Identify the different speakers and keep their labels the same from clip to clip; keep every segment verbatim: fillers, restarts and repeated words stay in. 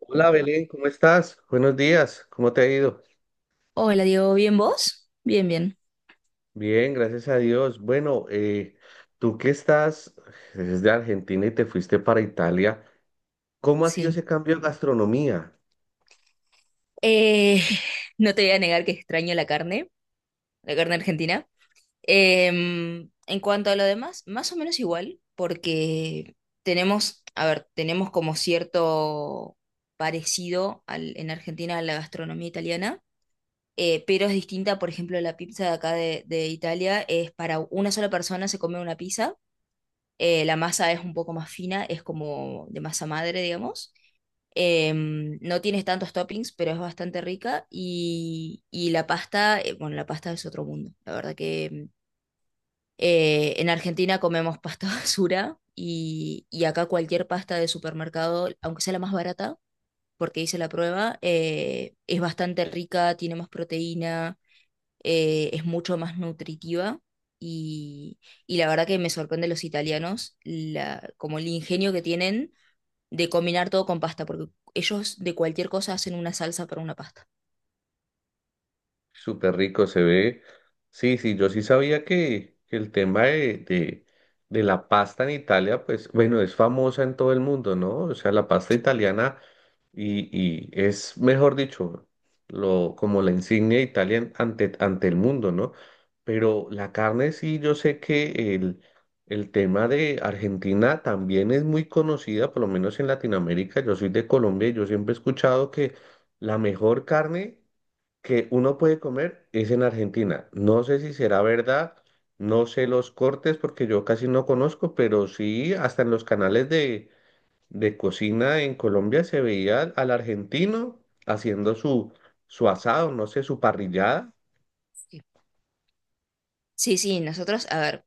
Speaker 1: Hola Belén, ¿cómo estás? Buenos días, ¿cómo te ha ido?
Speaker 2: Hola, Diego, ¿bien vos? Bien, bien,
Speaker 1: Bien, gracias a Dios. Bueno, eh, tú que estás desde Argentina y te fuiste para Italia, ¿cómo ha sido
Speaker 2: sí.
Speaker 1: ese cambio de gastronomía?
Speaker 2: Eh, no te voy a negar que extraño la carne, la carne argentina. Em, en cuanto a lo demás, más o menos igual, porque tenemos, a ver, tenemos como cierto parecido al- en Argentina a la gastronomía italiana, eh, pero es distinta. Por ejemplo, la pizza de acá de, de Italia es para una sola persona, se come una pizza. Eh, la masa es un poco más fina, es como de masa madre, digamos. Em, no tienes tantos toppings, pero es bastante rica. Y, y la pasta, eh, bueno, la pasta es otro mundo. La verdad que em, eh, en Argentina comemos pasta basura, y, y acá cualquier pasta de supermercado, aunque sea la más barata, porque hice la prueba, eh, es bastante rica, tiene más proteína, eh, es mucho más nutritiva. Y, y la verdad que me sorprende los italianos, la, como el ingenio que tienen de combinar todo con pasta, porque ellos de cualquier cosa hacen una salsa para una pasta.
Speaker 1: Súper rico se ve. Sí, sí, yo sí sabía que, que el tema de, de, de la pasta en Italia, pues bueno, es famosa en todo el mundo, ¿no? O sea, la pasta italiana. Y, y es, mejor dicho, lo, como la insignia de Italia en- ante, ante el mundo, ¿no? Pero la carne sí, yo sé que el, el tema de Argentina también es muy conocida, por lo menos en Latinoamérica. Yo soy de Colombia y yo siempre he escuchado que la mejor carne que uno puede comer es en Argentina. No sé si será verdad, no sé los cortes porque yo casi no conozco, pero sí, hasta en los canales de de cocina en Colombia se veía al, al argentino haciendo su, su asado, no sé, su parrillada,
Speaker 2: Sí. Sí, sí, nosotros, a ver,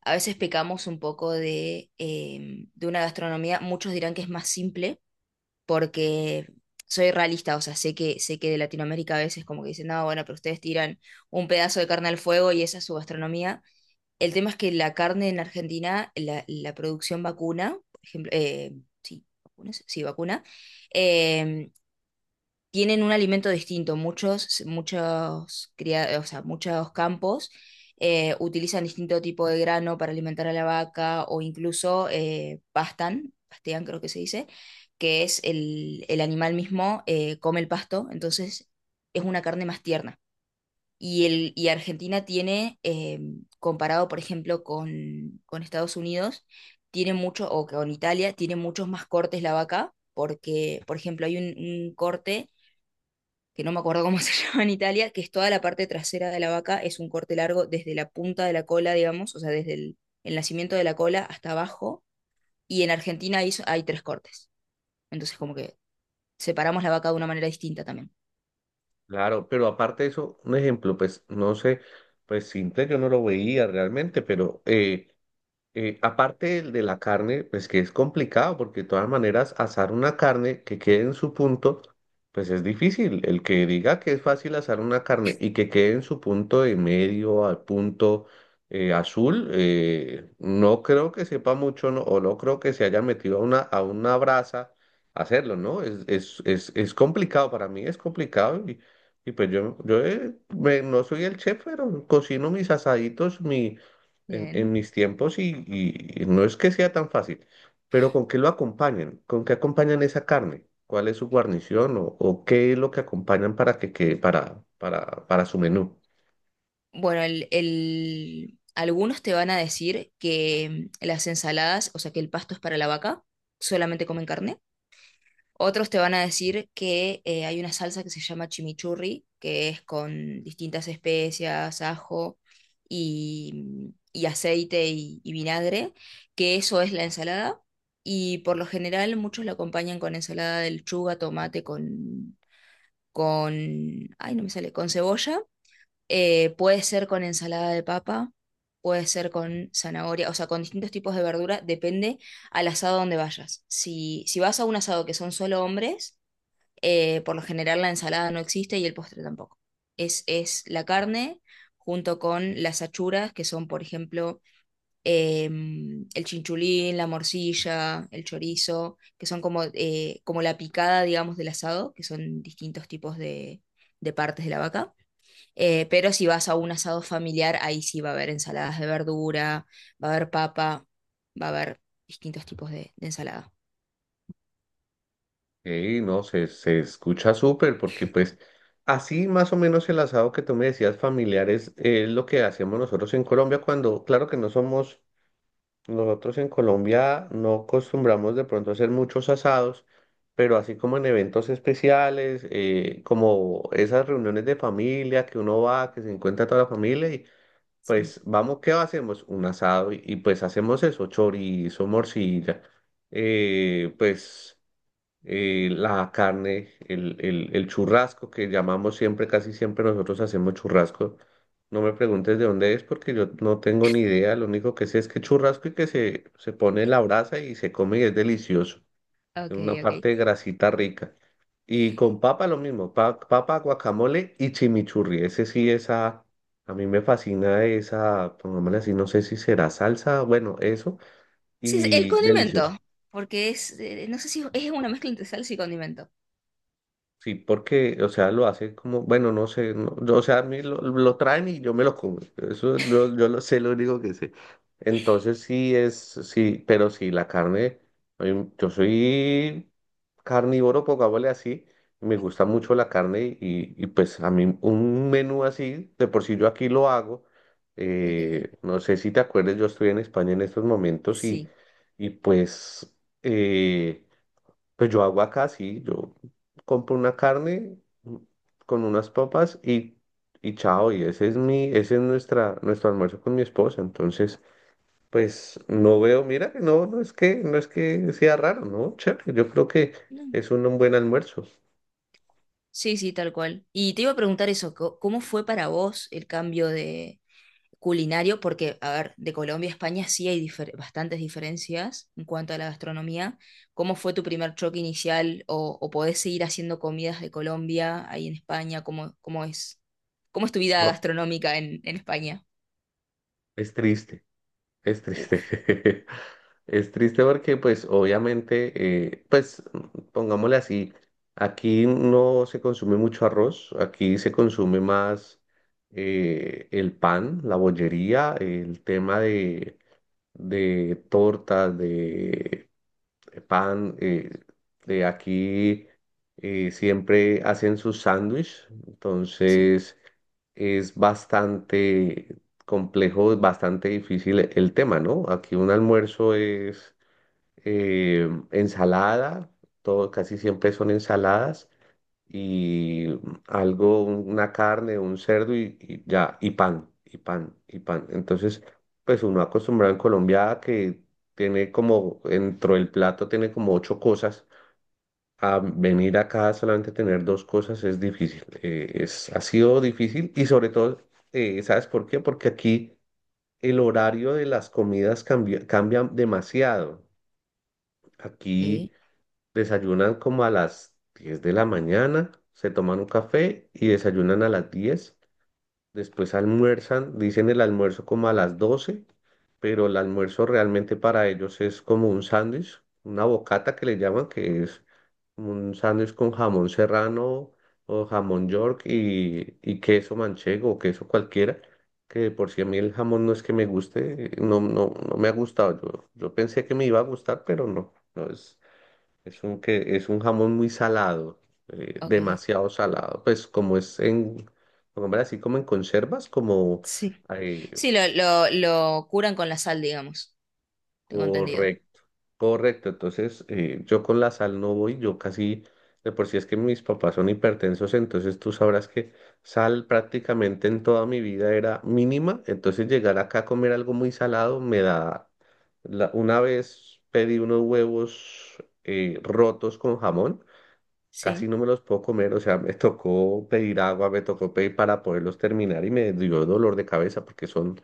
Speaker 2: a veces pecamos un poco de, eh, de una gastronomía, muchos dirán que es más simple, porque soy realista. O sea, sé que, sé que de Latinoamérica a veces como que dicen, no, bueno, pero ustedes tiran un pedazo de carne al fuego y esa es su gastronomía. El tema es que la carne en Argentina, la, la producción vacuna, por ejemplo, eh, sí, vacunas, sí, vacuna, eh, tienen un alimento distinto. Muchos, muchos, cria- o sea, muchos campos eh, utilizan distinto tipo de grano para alimentar a la vaca, o incluso eh, pastan, pastean, creo que se dice, que es el, el animal mismo eh, come el pasto, entonces es una carne más tierna. Y, el, y Argentina tiene, eh, comparado por ejemplo con, con Estados Unidos, tiene mucho, o con Italia, tiene muchos más cortes la vaca, porque por ejemplo hay un un corte que no me acuerdo cómo se llama en Italia, que es toda la parte trasera de la vaca, es un corte largo desde la punta de la cola, digamos, o sea, desde el, el nacimiento de la cola hasta abajo, y en Argentina hay, hay tres cortes. Entonces, como que separamos la vaca de una manera distinta también.
Speaker 1: claro, pero aparte de eso, un ejemplo, pues no sé, pues simple yo no lo veía realmente, pero eh, Eh, aparte del de la carne, pues que es complicado, porque de todas maneras asar una carne que quede en su punto, pues es difícil. El que diga que es fácil asar una carne y que quede en su punto de medio al punto eh, azul, eh, no creo que sepa mucho, no, o no creo que se haya metido a una, a una brasa a hacerlo, ¿no? Es, es, es, es complicado, para mí es complicado y, y pues yo, yo eh, me- no soy el chef, pero cocino mis asaditos, mi en, en
Speaker 2: Bien.
Speaker 1: mis tiempos y, y- y no es que sea tan fácil, pero ¿con qué lo acompañan? ¿Con qué acompañan esa carne? ¿Cuál es su guarnición o, o qué es lo que acompañan para que quede para, para, para su menú?
Speaker 2: Bueno, el, el- algunos te van a decir que mm, las ensaladas, o sea, que el pasto es para la vaca, solamente comen carne. Otros te van a decir que eh, hay una salsa que se llama chimichurri, que es con distintas especias, ajo y, y aceite y, y vinagre, que eso es la ensalada. Y por lo general muchos la acompañan con ensalada de lechuga, tomate, con, con, ay, no me sale, con cebolla. Eh, puede ser con ensalada de papa, puede ser con zanahoria, o sea, con distintos tipos de verdura, depende al asado donde vayas. Si, si vas a un asado que son solo hombres, eh, por lo general la ensalada no existe y el postre tampoco. Es, es la carne junto con las achuras, que son, por ejemplo, em, el chinchulín, la morcilla, el chorizo, que son como, eh, como la picada, digamos, del asado, que son distintos tipos de, de partes de la vaca. Eh, pero si vas a un asado familiar, ahí sí va a haber ensaladas de verdura, va a haber papa, va a haber distintos tipos de, de ensalada.
Speaker 1: Y no, se, se escucha súper porque pues así más o menos el asado que tú me decías familiares es es lo que hacemos nosotros en Colombia cuando, claro que no somos. Nosotros en Colombia no acostumbramos de pronto a hacer muchos asados, pero así como en eventos especiales, eh, como esas reuniones de familia que uno va, que se encuentra toda la familia y
Speaker 2: Sí.
Speaker 1: pues vamos, ¿qué hacemos? Un asado y, y, pues hacemos eso, chorizo, morcilla, eh, pues eh, la carne, el, el, el churrasco que llamamos siempre, casi siempre nosotros hacemos churrasco. No me preguntes de dónde es porque yo no tengo ni idea. Lo único que sé es que churrasco y que se, se pone en la brasa y se come y es delicioso. Es
Speaker 2: Ok,
Speaker 1: una
Speaker 2: ok.
Speaker 1: parte de grasita rica. Y con papa lo mismo, pa- papa, guacamole y chimichurri. Ese sí, esa, a mí me fascina esa, pongámosle así, no sé si será salsa, bueno, eso,
Speaker 2: Sí, sí, el
Speaker 1: y delicioso.
Speaker 2: condimento, porque es, eh, no sé si es una mezcla entre salsa y condimento.
Speaker 1: Sí, porque, o sea, lo hace como, bueno, no sé, no- yo, o sea, a mí lo, lo traen y yo me lo como. Eso lo- yo lo sé, lo único que sé. Entonces sí es, sí, pero sí, la carne, em, yo soy carnívoro, pongámosle así, me gusta mucho la carne y, y pues a mí un menú así, de por sí yo aquí lo hago.
Speaker 2: Ok,
Speaker 1: Eh, no sé si te acuerdas, yo estoy en España en estos momentos y,
Speaker 2: sí.
Speaker 1: y pues... eh, pues yo hago acá, sí, yo compro una carne mm, con unas papas y, y chao, y ese es mi, ese es nuestra, nuestro almuerzo con mi esposa. Entonces, pues no veo, mira, que no, no es que, no es que sea raro, ¿no? Chévere, yo creo que
Speaker 2: No.
Speaker 1: es un, un buen almuerzo.
Speaker 2: Sí, sí, tal cual. Y te iba a preguntar eso, co- ¿cómo fue para vos el cambio de culinario? Porque, a ver, de Colombia a España sí hay difer- bastantes diferencias en cuanto a la gastronomía. ¿Cómo fue tu primer choque inicial? ¿O, o podés seguir haciendo comidas de Colombia ahí en España? ¿Cómo, ¿cómo es, cómo es tu vida
Speaker 1: No,
Speaker 2: gastronómica en, en España?
Speaker 1: es triste. Es
Speaker 2: Uf,
Speaker 1: triste. Es triste porque, pues, obviamente, eh, pues, pongámosle así, aquí no se consume mucho arroz, aquí se consume más eh, el pan, la bollería, el tema de, de tortas, de pan. Eh, de aquí eh, siempre hacen su sándwich,
Speaker 2: sí.
Speaker 1: entonces es bastante complejo, bastante difícil e- el tema, ¿no? Aquí un almuerzo es eh, ensalada, todo, casi siempre son ensaladas y algo, una carne, un cerdo y, y ya, y pan, y pan, y pan. Entonces, pues uno acostumbrado en Colombia a que tiene como, dentro del plato tiene como ocho cosas. A venir acá solamente tener dos cosas es difícil. Eh, es, ha sido difícil y sobre todo, eh, ¿sabes por qué? Porque aquí el horario de las comidas cambia, cambia demasiado. Aquí
Speaker 2: Ok,
Speaker 1: desayunan como a las diez de la mañana, se toman un café y desayunan a las diez. Después almuerzan, dicen el almuerzo como a las doce, pero el almuerzo realmente para ellos es como un sándwich, una bocata que le llaman, que es un sándwich con jamón serrano o jamón york y, y queso manchego o queso cualquiera, que de por si a mí el jamón no es que me guste, eh, no, no, no me ha gustado. Yo, yo pensé que me iba a gustar, pero no, no es. Es un, que, es un jamón muy salado, eh,
Speaker 2: ok.
Speaker 1: demasiado salado. Pues como es en, como hombre, así como en conservas, como
Speaker 2: Sí.
Speaker 1: eh,
Speaker 2: Sí, lo, lo, lo curan con la sal, digamos. Tengo entendido.
Speaker 1: correcto, correcto. Entonces, eh, yo con la sal no voy, yo casi, de por sí es que mis papás son hipertensos, entonces tú sabrás que sal prácticamente en toda mi vida era mínima. Entonces llegar acá a comer algo muy salado me da, la- una vez pedí unos huevos eh, rotos con jamón.
Speaker 2: Sí,
Speaker 1: Casi no me los puedo comer, o sea, me tocó pedir agua, me tocó pedir para poderlos terminar y me dio dolor de cabeza porque son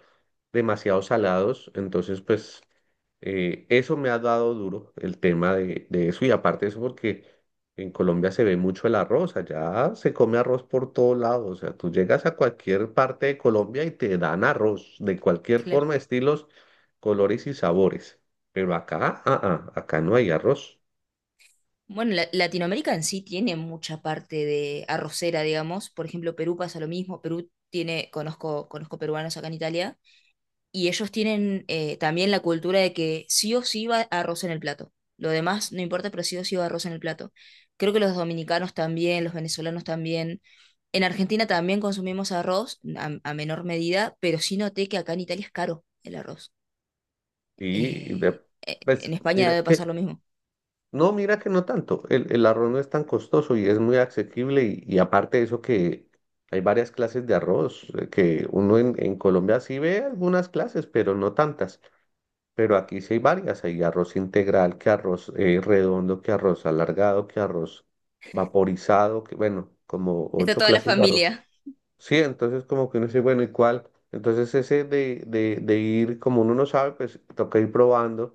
Speaker 1: demasiado salados, entonces pues eh, eso me ha dado duro el tema de, de eso y aparte de eso porque en Colombia se ve mucho el arroz, allá se come arroz por todos lados, o sea, tú llegas a cualquier parte de Colombia y te dan arroz de cualquier
Speaker 2: claro.
Speaker 1: forma, estilos, colores y sabores, pero acá, ah, ah, acá no hay arroz
Speaker 2: Bueno, la- Latinoamérica en sí tiene mucha parte de arrocera, digamos. Por ejemplo, Perú pasa lo mismo. Perú tiene, conozco, conozco peruanos acá en Italia, y ellos tienen eh, también la cultura de que sí o sí va arroz en el plato. Lo demás no importa, pero sí o sí va arroz en el plato. Creo que los dominicanos también, los venezolanos también. En Argentina también consumimos arroz a a menor medida, pero sí noté que acá en Italia es caro el arroz.
Speaker 1: y de-
Speaker 2: Eh, eh,
Speaker 1: pues
Speaker 2: en España
Speaker 1: mira
Speaker 2: debe
Speaker 1: que
Speaker 2: pasar lo mismo.
Speaker 1: no, mira que no tanto. El, el arroz no es tan costoso y es muy asequible. Y, y aparte de eso que hay varias clases de arroz, eh, que uno en, en Colombia sí ve algunas clases, pero no tantas. Pero aquí sí hay varias. Hay arroz integral, que arroz eh, redondo, que arroz alargado, que arroz vaporizado, que bueno, como
Speaker 2: Está
Speaker 1: ocho
Speaker 2: toda la
Speaker 1: clases de arroz.
Speaker 2: familia.
Speaker 1: Sí, entonces como que uno dice, bueno, ¿y cuál? Entonces ese de, de, de ir, como uno no sabe, pues toca ir probando,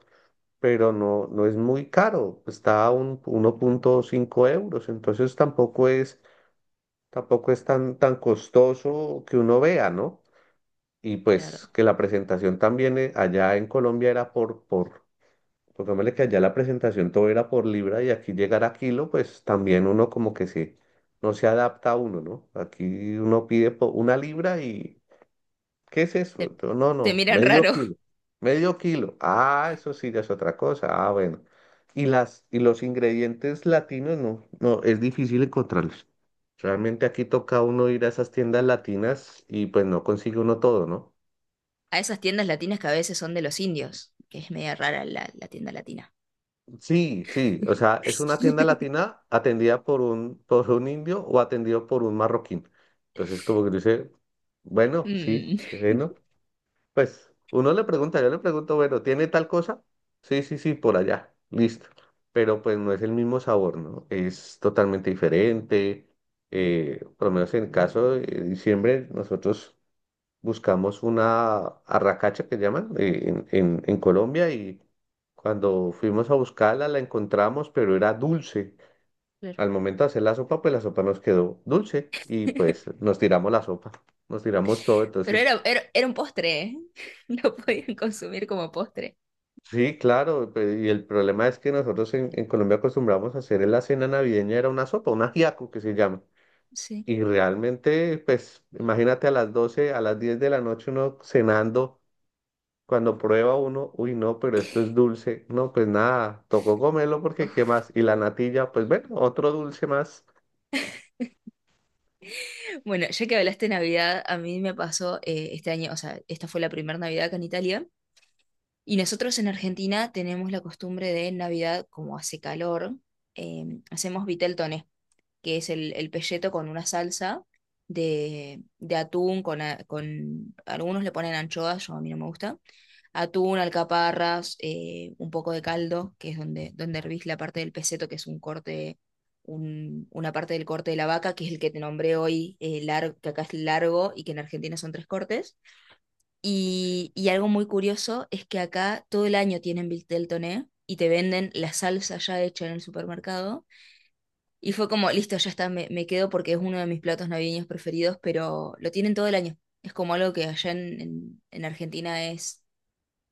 Speaker 1: pero no, no es muy caro, está a un, uno punto cinco euros, entonces tampoco es, tampoco es tan, tan costoso que uno vea, ¿no? Y
Speaker 2: Claro.
Speaker 1: pues que la presentación también eh, allá en Colombia era por, por, pongámosle que allá la presentación todo era por libra y aquí llegar a kilo, pues también uno como que se, no se adapta a uno, ¿no? Aquí uno pide po- una libra y ¿qué es eso?
Speaker 2: Te,
Speaker 1: Yo, no,
Speaker 2: te
Speaker 1: no,
Speaker 2: miran
Speaker 1: medio
Speaker 2: raro.
Speaker 1: kilo. Medio kilo. Ah, eso sí, ya es otra cosa. Ah, bueno. Y las, y los ingredientes latinos, no, no, es difícil encontrarlos. Realmente aquí toca uno ir a esas tiendas latinas y pues no consigue uno todo, ¿no?
Speaker 2: A esas tiendas latinas que a veces son de los indios, que es media rara la, la tienda latina.
Speaker 1: Sí, sí, o sea, es una tienda latina atendida por un, por un indio o atendido por un marroquín. Entonces, como que dice, bueno, sí,
Speaker 2: Mm,
Speaker 1: bueno. Pues uno le pregunta, yo le pregunto, bueno, ¿tiene tal cosa? Sí, sí, sí, por allá, listo. Pero pues no es el mismo sabor, ¿no? Es totalmente diferente. Eh, por lo menos en el caso de diciembre, nosotros buscamos una arracacha que llaman eh, en, en, en Colombia y cuando fuimos a buscarla la encontramos, pero era dulce.
Speaker 2: claro.
Speaker 1: Al momento de hacer la sopa, pues la sopa nos quedó dulce y pues nos tiramos la sopa, nos tiramos todo,
Speaker 2: Pero
Speaker 1: entonces...
Speaker 2: era, era, era un postre, ¿eh? Lo podían consumir como postre.
Speaker 1: Sí, claro, pe- y el problema es que nosotros en, en Colombia acostumbramos a hacer en la cena navideña, era una sopa, un ajiaco que se llama.
Speaker 2: Sí.
Speaker 1: Y realmente, pues, imagínate a las doce, a las diez de la noche uno cenando, cuando prueba uno, uy, no, pero esto es dulce. No, pues nada, tocó comerlo porque qué
Speaker 2: Uf.
Speaker 1: más. Y la natilla, pues bueno, otro dulce más.
Speaker 2: Bueno, ya que hablaste de Navidad, a mí me pasó eh, este año, o sea, esta fue la primera Navidad acá en Italia. Y nosotros en Argentina tenemos la costumbre de en Navidad, como hace calor, eh, hacemos vitel toné, que es el, el pelleto con una salsa de, de atún, con, a- con algunos le ponen anchoas, yo a mí no me gusta, atún, alcaparras, eh, un poco de caldo, que es donde, donde hervís la parte del peseto, que es un corte, un- una parte del corte de la vaca, que es el que te nombré hoy, largo, que acá es largo y que en Argentina son tres cortes. Y, y algo muy curioso es que acá todo el año tienen Vitel Toné y te venden la salsa ya hecha en el supermercado, y fue como, listo, ya está, me, me quedo porque es uno de mis platos navideños preferidos, pero lo tienen todo el año. Es como algo que allá en, en- en Argentina es,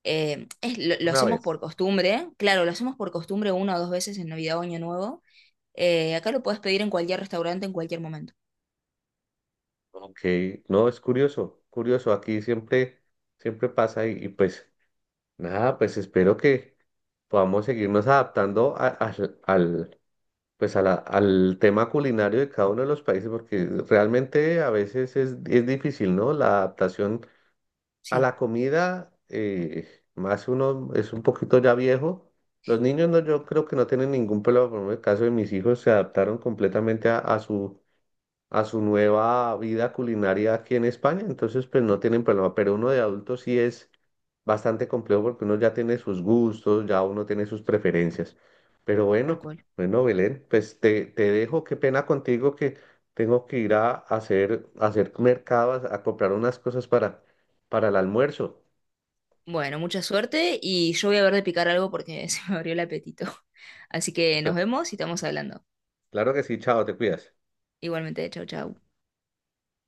Speaker 2: eh, es lo, lo
Speaker 1: Una
Speaker 2: hacemos por
Speaker 1: vez.
Speaker 2: costumbre, claro, lo hacemos por costumbre una o dos veces en Navidad o Año Nuevo. Eh, acá lo puedes pedir en cualquier restaurante en cualquier momento.
Speaker 1: Ok, no, es curioso, curioso, aquí siempre, siempre pasa y, y pues nada, pues espero que podamos seguirnos adaptando a- al, al, pues a la- al tema culinario de cada uno de los países, porque realmente a veces es, es difícil, ¿no? La adaptación a
Speaker 2: Sí,
Speaker 1: la comida, eh, más uno es un poquito ya viejo. Los niños no, yo creo que no tienen ningún problema, por ejemplo, en el caso de mis hijos se adaptaron completamente a, a su a su nueva vida culinaria aquí en España, entonces pues no tienen problema, pero uno de adulto sí es bastante complejo porque uno ya tiene sus gustos, ya uno tiene sus preferencias. Pero
Speaker 2: tal
Speaker 1: bueno,
Speaker 2: cual.
Speaker 1: bueno, Belén, pues te, te dejo, qué pena contigo que tengo que ir a hacer, a hacer mercados, a comprar unas cosas para, para el almuerzo.
Speaker 2: Bueno, mucha suerte y yo voy a ver de picar algo porque se me abrió el apetito. Así que nos
Speaker 1: Listo.
Speaker 2: vemos y estamos hablando.
Speaker 1: Claro que sí, chao, te cuidas.
Speaker 2: Igualmente, chau, chau.